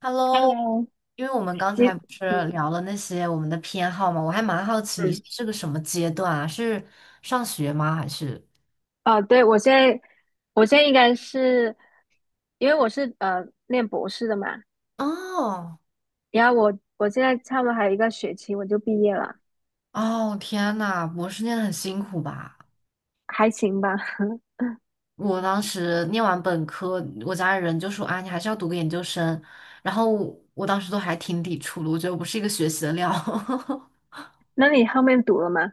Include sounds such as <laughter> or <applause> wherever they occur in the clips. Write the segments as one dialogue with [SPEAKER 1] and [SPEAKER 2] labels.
[SPEAKER 1] Hello，
[SPEAKER 2] Hello，
[SPEAKER 1] 因为我们刚
[SPEAKER 2] 你
[SPEAKER 1] 才不是
[SPEAKER 2] 嗯
[SPEAKER 1] 聊了那些我们的偏好嘛，我还蛮好奇你
[SPEAKER 2] 嗯，
[SPEAKER 1] 是个什么阶段啊？是上学吗？还是？
[SPEAKER 2] 啊，对，我现在应该是因为我是念博士的嘛，
[SPEAKER 1] 哦
[SPEAKER 2] 然后我现在差不多还有一个学期我就毕业了，
[SPEAKER 1] 哦，天呐，博士念的很辛苦吧？
[SPEAKER 2] 还行吧。<laughs>
[SPEAKER 1] 我当时念完本科，我家里人就说啊，你还是要读个研究生。然后我当时都还挺抵触的，我觉得我不是一个学习的料。<laughs>
[SPEAKER 2] 那你后面读了吗？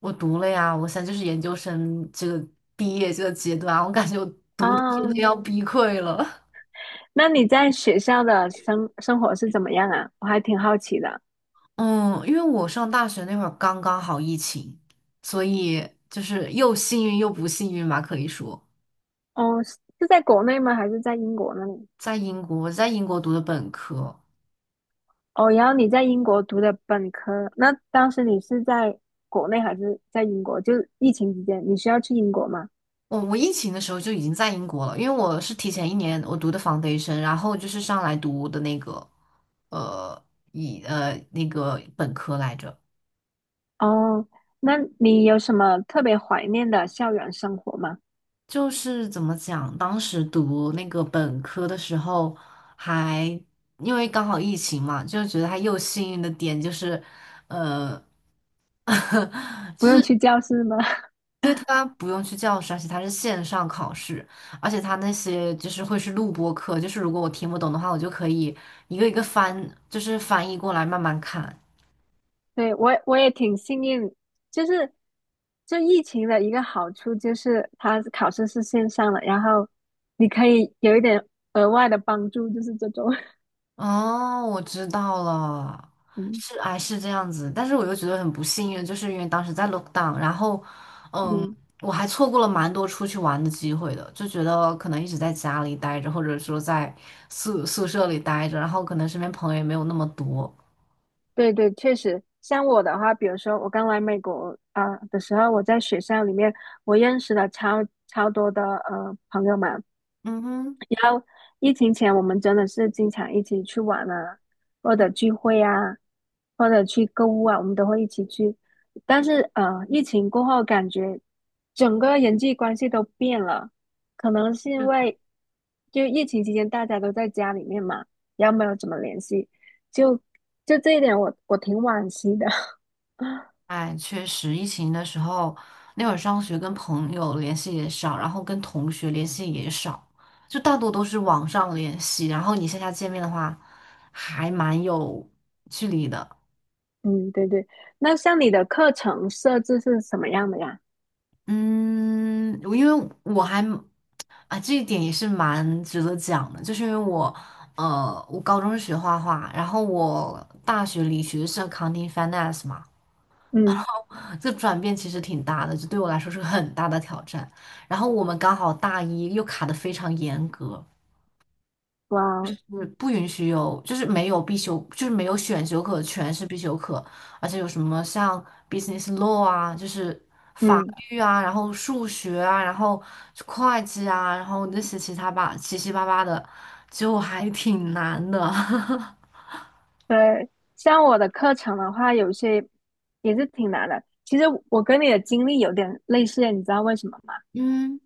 [SPEAKER 1] 我读了呀，我现在就是研究生这个毕业这个阶段啊，我感觉我读的真的
[SPEAKER 2] 哦，
[SPEAKER 1] 要崩溃了。
[SPEAKER 2] 那你在学校的生活是怎么样啊？我还挺好奇的。
[SPEAKER 1] 嗯，因为我上大学那会儿刚刚好疫情，所以就是又幸运又不幸运吧，可以说
[SPEAKER 2] 哦，是在国内吗？还是在英国那里？
[SPEAKER 1] 在英国，我在英国读的本科。
[SPEAKER 2] 哦，然后你在英国读的本科，那当时你是在国内还是在英国？就是疫情期间，你需要去英国吗？
[SPEAKER 1] 我疫情的时候就已经在英国了，因为我是提前一年我读的 foundation，然后就是上来读的那个呃以呃那个本科来着。
[SPEAKER 2] 哦，那你有什么特别怀念的校园生活吗？
[SPEAKER 1] 就是怎么讲，当时读那个本科的时候还因为刚好疫情嘛，就觉得它又幸运的点就是，呃，<laughs>
[SPEAKER 2] 不用去教室吗？<laughs>
[SPEAKER 1] 对，他不用去教室，而且他是线上考试，而且他那些就是会是录播课，就是如果我听不懂的话，我就可以一个一个翻，就是翻译过来慢慢看。
[SPEAKER 2] 对，我也挺幸运，就是这疫情的一个好处就是它考试是线上的，然后你可以有一点额外的帮助，就是这种。<laughs>
[SPEAKER 1] 哦，我知道了，
[SPEAKER 2] 嗯
[SPEAKER 1] 这样子，但是我又觉得很不幸运，就是因为当时在 lockdown，然后嗯，
[SPEAKER 2] 嗯，
[SPEAKER 1] 我还错过了蛮多出去玩的机会的，就觉得可能一直在家里待着，或者说在宿舍里待着，然后可能身边朋友也没有那么多。
[SPEAKER 2] 对对，确实，像我的话，比如说我刚来美国啊、的时候，我在学校里面我认识了超多的朋友们。
[SPEAKER 1] 嗯哼。嗯，
[SPEAKER 2] 疫情前我们真的是经常一起去玩啊，或者聚会啊，或者去购物啊，我们都会一起去。但是，疫情过后感觉整个人际关系都变了，可能是因为就疫情期间大家都在家里面嘛，然后没有怎么联系，就就这一点我挺惋惜的。<laughs> <laughs> 啊，
[SPEAKER 1] 哎，确实，疫情的时候，那会儿上学跟朋友联系也少，然后跟同学联系也少，就大多都是网上联系。然后你线下见面的话，还蛮有距离的。
[SPEAKER 2] 嗯，对对。那像你的课程设置是什么样的呀？
[SPEAKER 1] 嗯，我因为我还啊，这一点也是蛮值得讲的，就是因为我，我高中是学画画，然后我大学里学的是 accounting finance 嘛。
[SPEAKER 2] 嗯，
[SPEAKER 1] 这转变其实挺大的，就对我来说是个很大的挑战。然后我们刚好大一又卡得非常严格，
[SPEAKER 2] 哇
[SPEAKER 1] 就
[SPEAKER 2] 哦，
[SPEAKER 1] 是不允许有，就是没有必修，就是没有选修课，全是必修课。而且有什么像 business law 啊，就是
[SPEAKER 2] 嗯，
[SPEAKER 1] 英语啊，然后数学啊，然后会计啊，然后那些其他吧，七七八八的，就还挺难的。<laughs>
[SPEAKER 2] 对，像我的课程的话，有些也是挺难的。其实我跟你的经历有点类似，你知道为什么吗？
[SPEAKER 1] 嗯，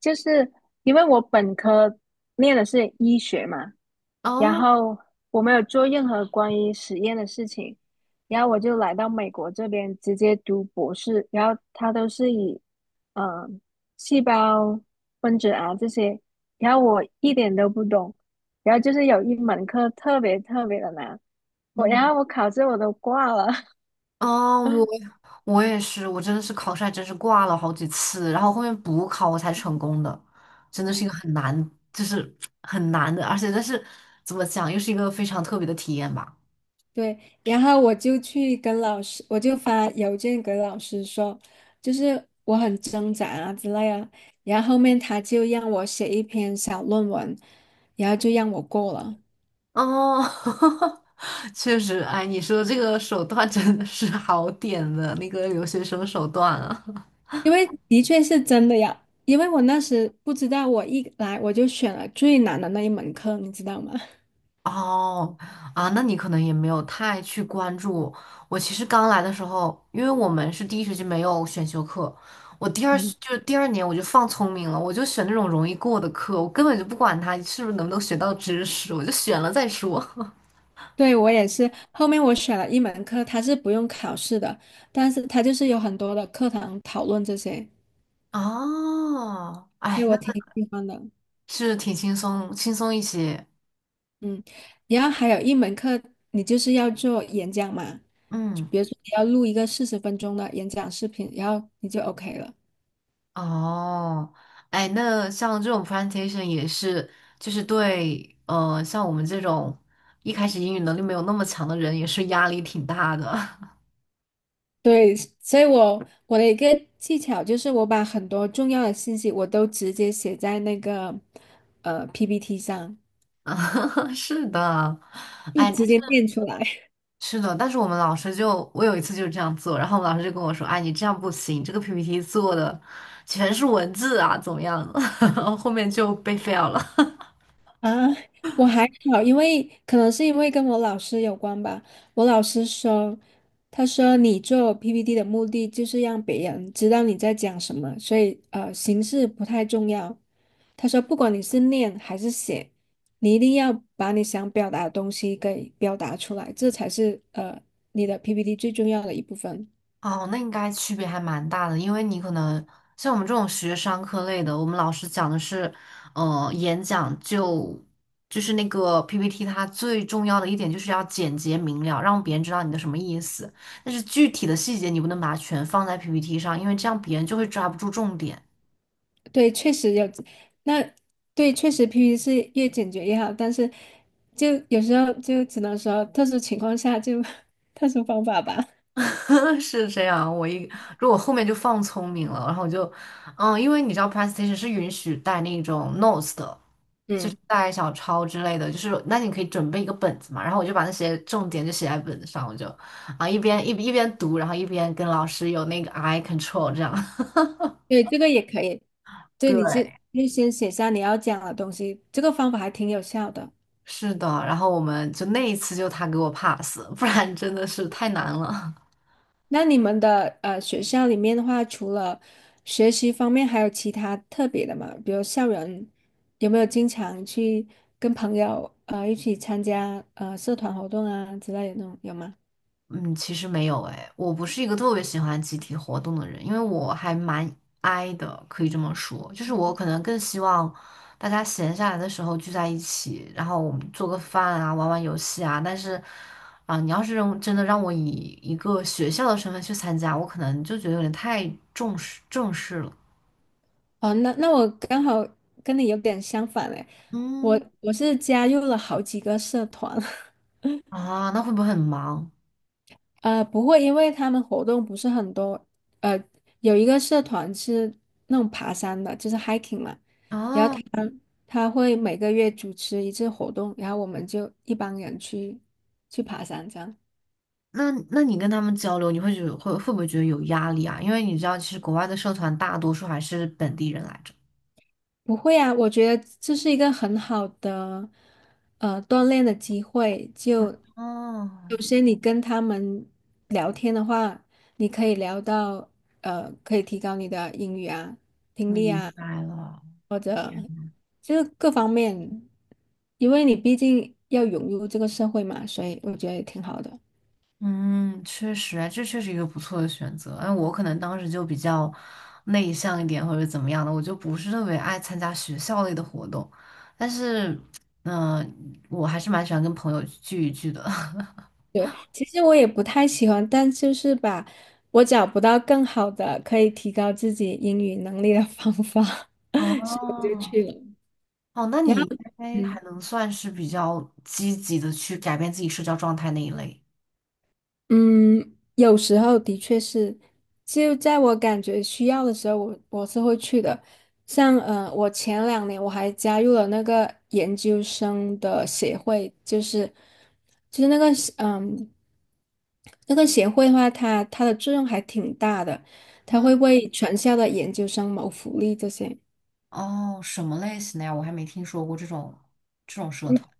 [SPEAKER 2] 就是因为我本科念的是医学嘛，然
[SPEAKER 1] 哦，
[SPEAKER 2] 后我没有做任何关于实验的事情，然后我就来到美国这边直接读博士，然后他都是以呃细胞分子啊这些，然后我一点都不懂，然后就是有一门课特别特别的难，我然
[SPEAKER 1] 嗯，
[SPEAKER 2] 后我考试我都挂了，
[SPEAKER 1] 哦，我。我也是，我真的是考试还真是挂了好几次，然后后面补考我才成功的，真的是一个很难，就是很难的，但是怎么讲，又是一个非常特别的体验吧。
[SPEAKER 2] 对，然后我就去跟老师，我就发邮件给老师说，就是我很挣扎啊之类啊。然后后面他就让我写一篇小论文，然后就让我过了，
[SPEAKER 1] 哦，<laughs> 确实，哎，你说这个手段真的是好点的，那个留学生手段啊。
[SPEAKER 2] 因为的确是真的呀。因为我那时不知道，我一来我就选了最难的那一门课，你知道吗？
[SPEAKER 1] 哦，啊，那你可能也没有太去关注。我其实刚来的时候，因为我们是第一学期没有选修课，我第二学
[SPEAKER 2] 嗯，
[SPEAKER 1] 就是第二年我就放聪明了，我就选那种容易过的课，我根本就不管它是不是能不能学到知识，我就选了再说。<laughs>
[SPEAKER 2] <laughs> 对，我也是。后面我选了一门课，它是不用考试的，但是它就是有很多的课堂讨论这些，
[SPEAKER 1] 哦，
[SPEAKER 2] 对
[SPEAKER 1] 哎，那
[SPEAKER 2] 我挺喜欢的。
[SPEAKER 1] 是挺轻松，轻松一些。
[SPEAKER 2] 嗯，然后还有一门课，你就是要做演讲嘛，
[SPEAKER 1] 嗯。
[SPEAKER 2] 比如说你要录一个40分钟的演讲视频，然后你就 OK 了。
[SPEAKER 1] 哦，哎，那像这种 presentation 也是，就是对，像我们这种一开始英语能力没有那么强的人，也是压力挺大的。<laughs>
[SPEAKER 2] 对，所以我的一个技巧就是，我把很多重要的信息我都直接写在那个PPT 上，
[SPEAKER 1] 啊，是的，
[SPEAKER 2] 就
[SPEAKER 1] 哎，但
[SPEAKER 2] 直
[SPEAKER 1] 是
[SPEAKER 2] 接念出来。
[SPEAKER 1] 是的，但是我们老师就，我有一次就是这样做，然后我们老师就跟我说，哎，你这样不行，这个 PPT 做的全是文字啊，怎么样？<laughs> 后面就被 fail 了。
[SPEAKER 2] 啊，我还好，因为可能是因为跟我老师有关吧。我老师说，他说你做 PPT 的目的就是让别人知道你在讲什么，所以，形式不太重要。他说，不管你是念还是写，你一定要把你想表达的东西给表达出来，这才是你的 PPT 最重要的一部分。
[SPEAKER 1] 哦，那应该区别还蛮大的，因为你可能像我们这种学商科类的，我们老师讲的是，演讲就是那个 PPT，它最重要的一点就是要简洁明了，让别人知道你的什么意思。但是具体的细节你不能把它全放在 PPT 上，因为这样别人就会抓不住重点。
[SPEAKER 2] 对，确实有，那对，确实 PPT 是越简洁越好，但是就有时候就只能说特殊情况下就 <laughs> 特殊方法吧。
[SPEAKER 1] <laughs> 是这样，如果后面就放聪明了，然后我就，嗯，因为你知道 presentation 是允许带那种 notes 的。就是
[SPEAKER 2] 嗯，
[SPEAKER 1] 带小抄之类的，就是那你可以准备一个本子嘛，然后我就把那些重点就写在本子上，我就啊一边读，然后一边跟老师有那个 eye control 这样。<laughs>
[SPEAKER 2] 对，这个也可以。对，
[SPEAKER 1] 对，
[SPEAKER 2] 你这就先写下你要讲的东西，这个方法还挺有效的。
[SPEAKER 1] 是的，然后我们就那一次就他给我 pass，不然真的是太难了。
[SPEAKER 2] 那你们的学校里面的话，除了学习方面，还有其他特别的吗？比如校园有没有经常去跟朋友一起参加社团活动啊之类的那种，有吗？
[SPEAKER 1] 嗯，其实没有诶，我不是一个特别喜欢集体活动的人，因为我还蛮 i 的，可以这么说，就是我可能更希望大家闲下来的时候聚在一起，然后我们做个饭啊，玩玩游戏啊。但是，啊、你要是让真的让我以一个学校的身份去参加，我可能就觉得有点太正式了。
[SPEAKER 2] 哦，那我刚好跟你有点相反嘞，我
[SPEAKER 1] 嗯，
[SPEAKER 2] 我是加入了好几个社团，
[SPEAKER 1] 啊，那会不会很忙
[SPEAKER 2] <laughs> 不会，因为他们活动不是很多，呃，有一个社团是那种爬山的，就是 hiking 嘛，然后
[SPEAKER 1] 啊？
[SPEAKER 2] 他会每个月主持一次活动，然后我们就一帮人去爬山这样。
[SPEAKER 1] 那那你跟他们交流，你会觉得会不会觉得有压力啊？因为你知道，其实国外的社团大多数还是本地人来着。
[SPEAKER 2] 不会啊，我觉得这是一个很好的锻炼的机会。就
[SPEAKER 1] 哦，
[SPEAKER 2] 有些你跟他们聊天的话，你可以聊到，可以提高你的英语啊、听力
[SPEAKER 1] 明
[SPEAKER 2] 啊，
[SPEAKER 1] 白了，
[SPEAKER 2] 或者就是各方面，因为你毕竟要融入这个社会嘛，所以我觉得也挺好的。
[SPEAKER 1] 嗯，确实，啊，这确实一个不错的选择。哎，我可能当时就比较内向一点，或者怎么样的，我就不是特别爱参加学校类的活动。但是，嗯、我还是蛮喜欢跟朋友聚一聚的。
[SPEAKER 2] 其实我也不太喜欢，但就是吧，我找不到更好的可以提高自己英语能力的方法，<laughs>
[SPEAKER 1] <laughs>
[SPEAKER 2] 我就去
[SPEAKER 1] 哦，
[SPEAKER 2] 了。
[SPEAKER 1] 哦，那
[SPEAKER 2] 然
[SPEAKER 1] 你应
[SPEAKER 2] 后，
[SPEAKER 1] 该还
[SPEAKER 2] 嗯
[SPEAKER 1] 能算是比较积极的去改变自己社交状态那一类。
[SPEAKER 2] 嗯，有时候的确是，就在我感觉需要的时候，我是会去的。像我前2年我还加入了那个研究生的协会，就是嗯那个协会的话，它的作用还挺大的，它
[SPEAKER 1] 嗯，
[SPEAKER 2] 会为全校的研究生谋福利这些。
[SPEAKER 1] 哦，什么类型的呀？我还没听说过这种社
[SPEAKER 2] 嗯
[SPEAKER 1] 团。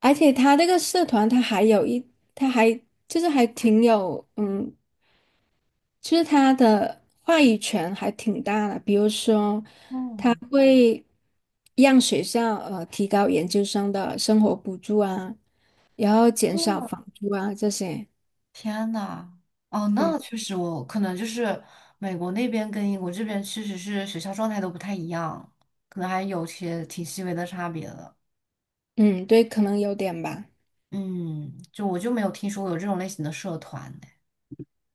[SPEAKER 2] 而且它这个社团，它还就是还挺有，其实他的话语权还挺大的，比如说，他
[SPEAKER 1] 嗯，
[SPEAKER 2] 会让学校提高研究生的生活补助啊，然后减少
[SPEAKER 1] 嗯，
[SPEAKER 2] 房租啊这些。
[SPEAKER 1] 天呐，哦，
[SPEAKER 2] 嗯
[SPEAKER 1] 那确实我，可能就是美国那边跟英国这边确实是学校状态都不太一样，可能还有些挺细微的差别的。
[SPEAKER 2] 嗯，对，可能有点吧。
[SPEAKER 1] 嗯，就我就没有听说过有这种类型的社团呢。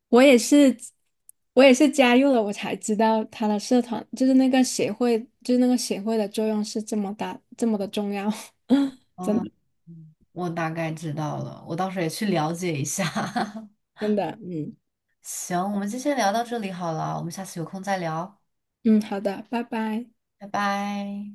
[SPEAKER 2] 我也是，我也是加入了，我才知道他的社团就是那个协会，就是那个协会的作用是这么大，这么的重要。<laughs> 真
[SPEAKER 1] 啊，
[SPEAKER 2] 的
[SPEAKER 1] 嗯我大概知道了，我到时候也去了解一下。<laughs>
[SPEAKER 2] 真的，嗯
[SPEAKER 1] 行，我们就先聊到这里好了，我们下次有空再聊，
[SPEAKER 2] 嗯，好的，拜拜。
[SPEAKER 1] 拜拜。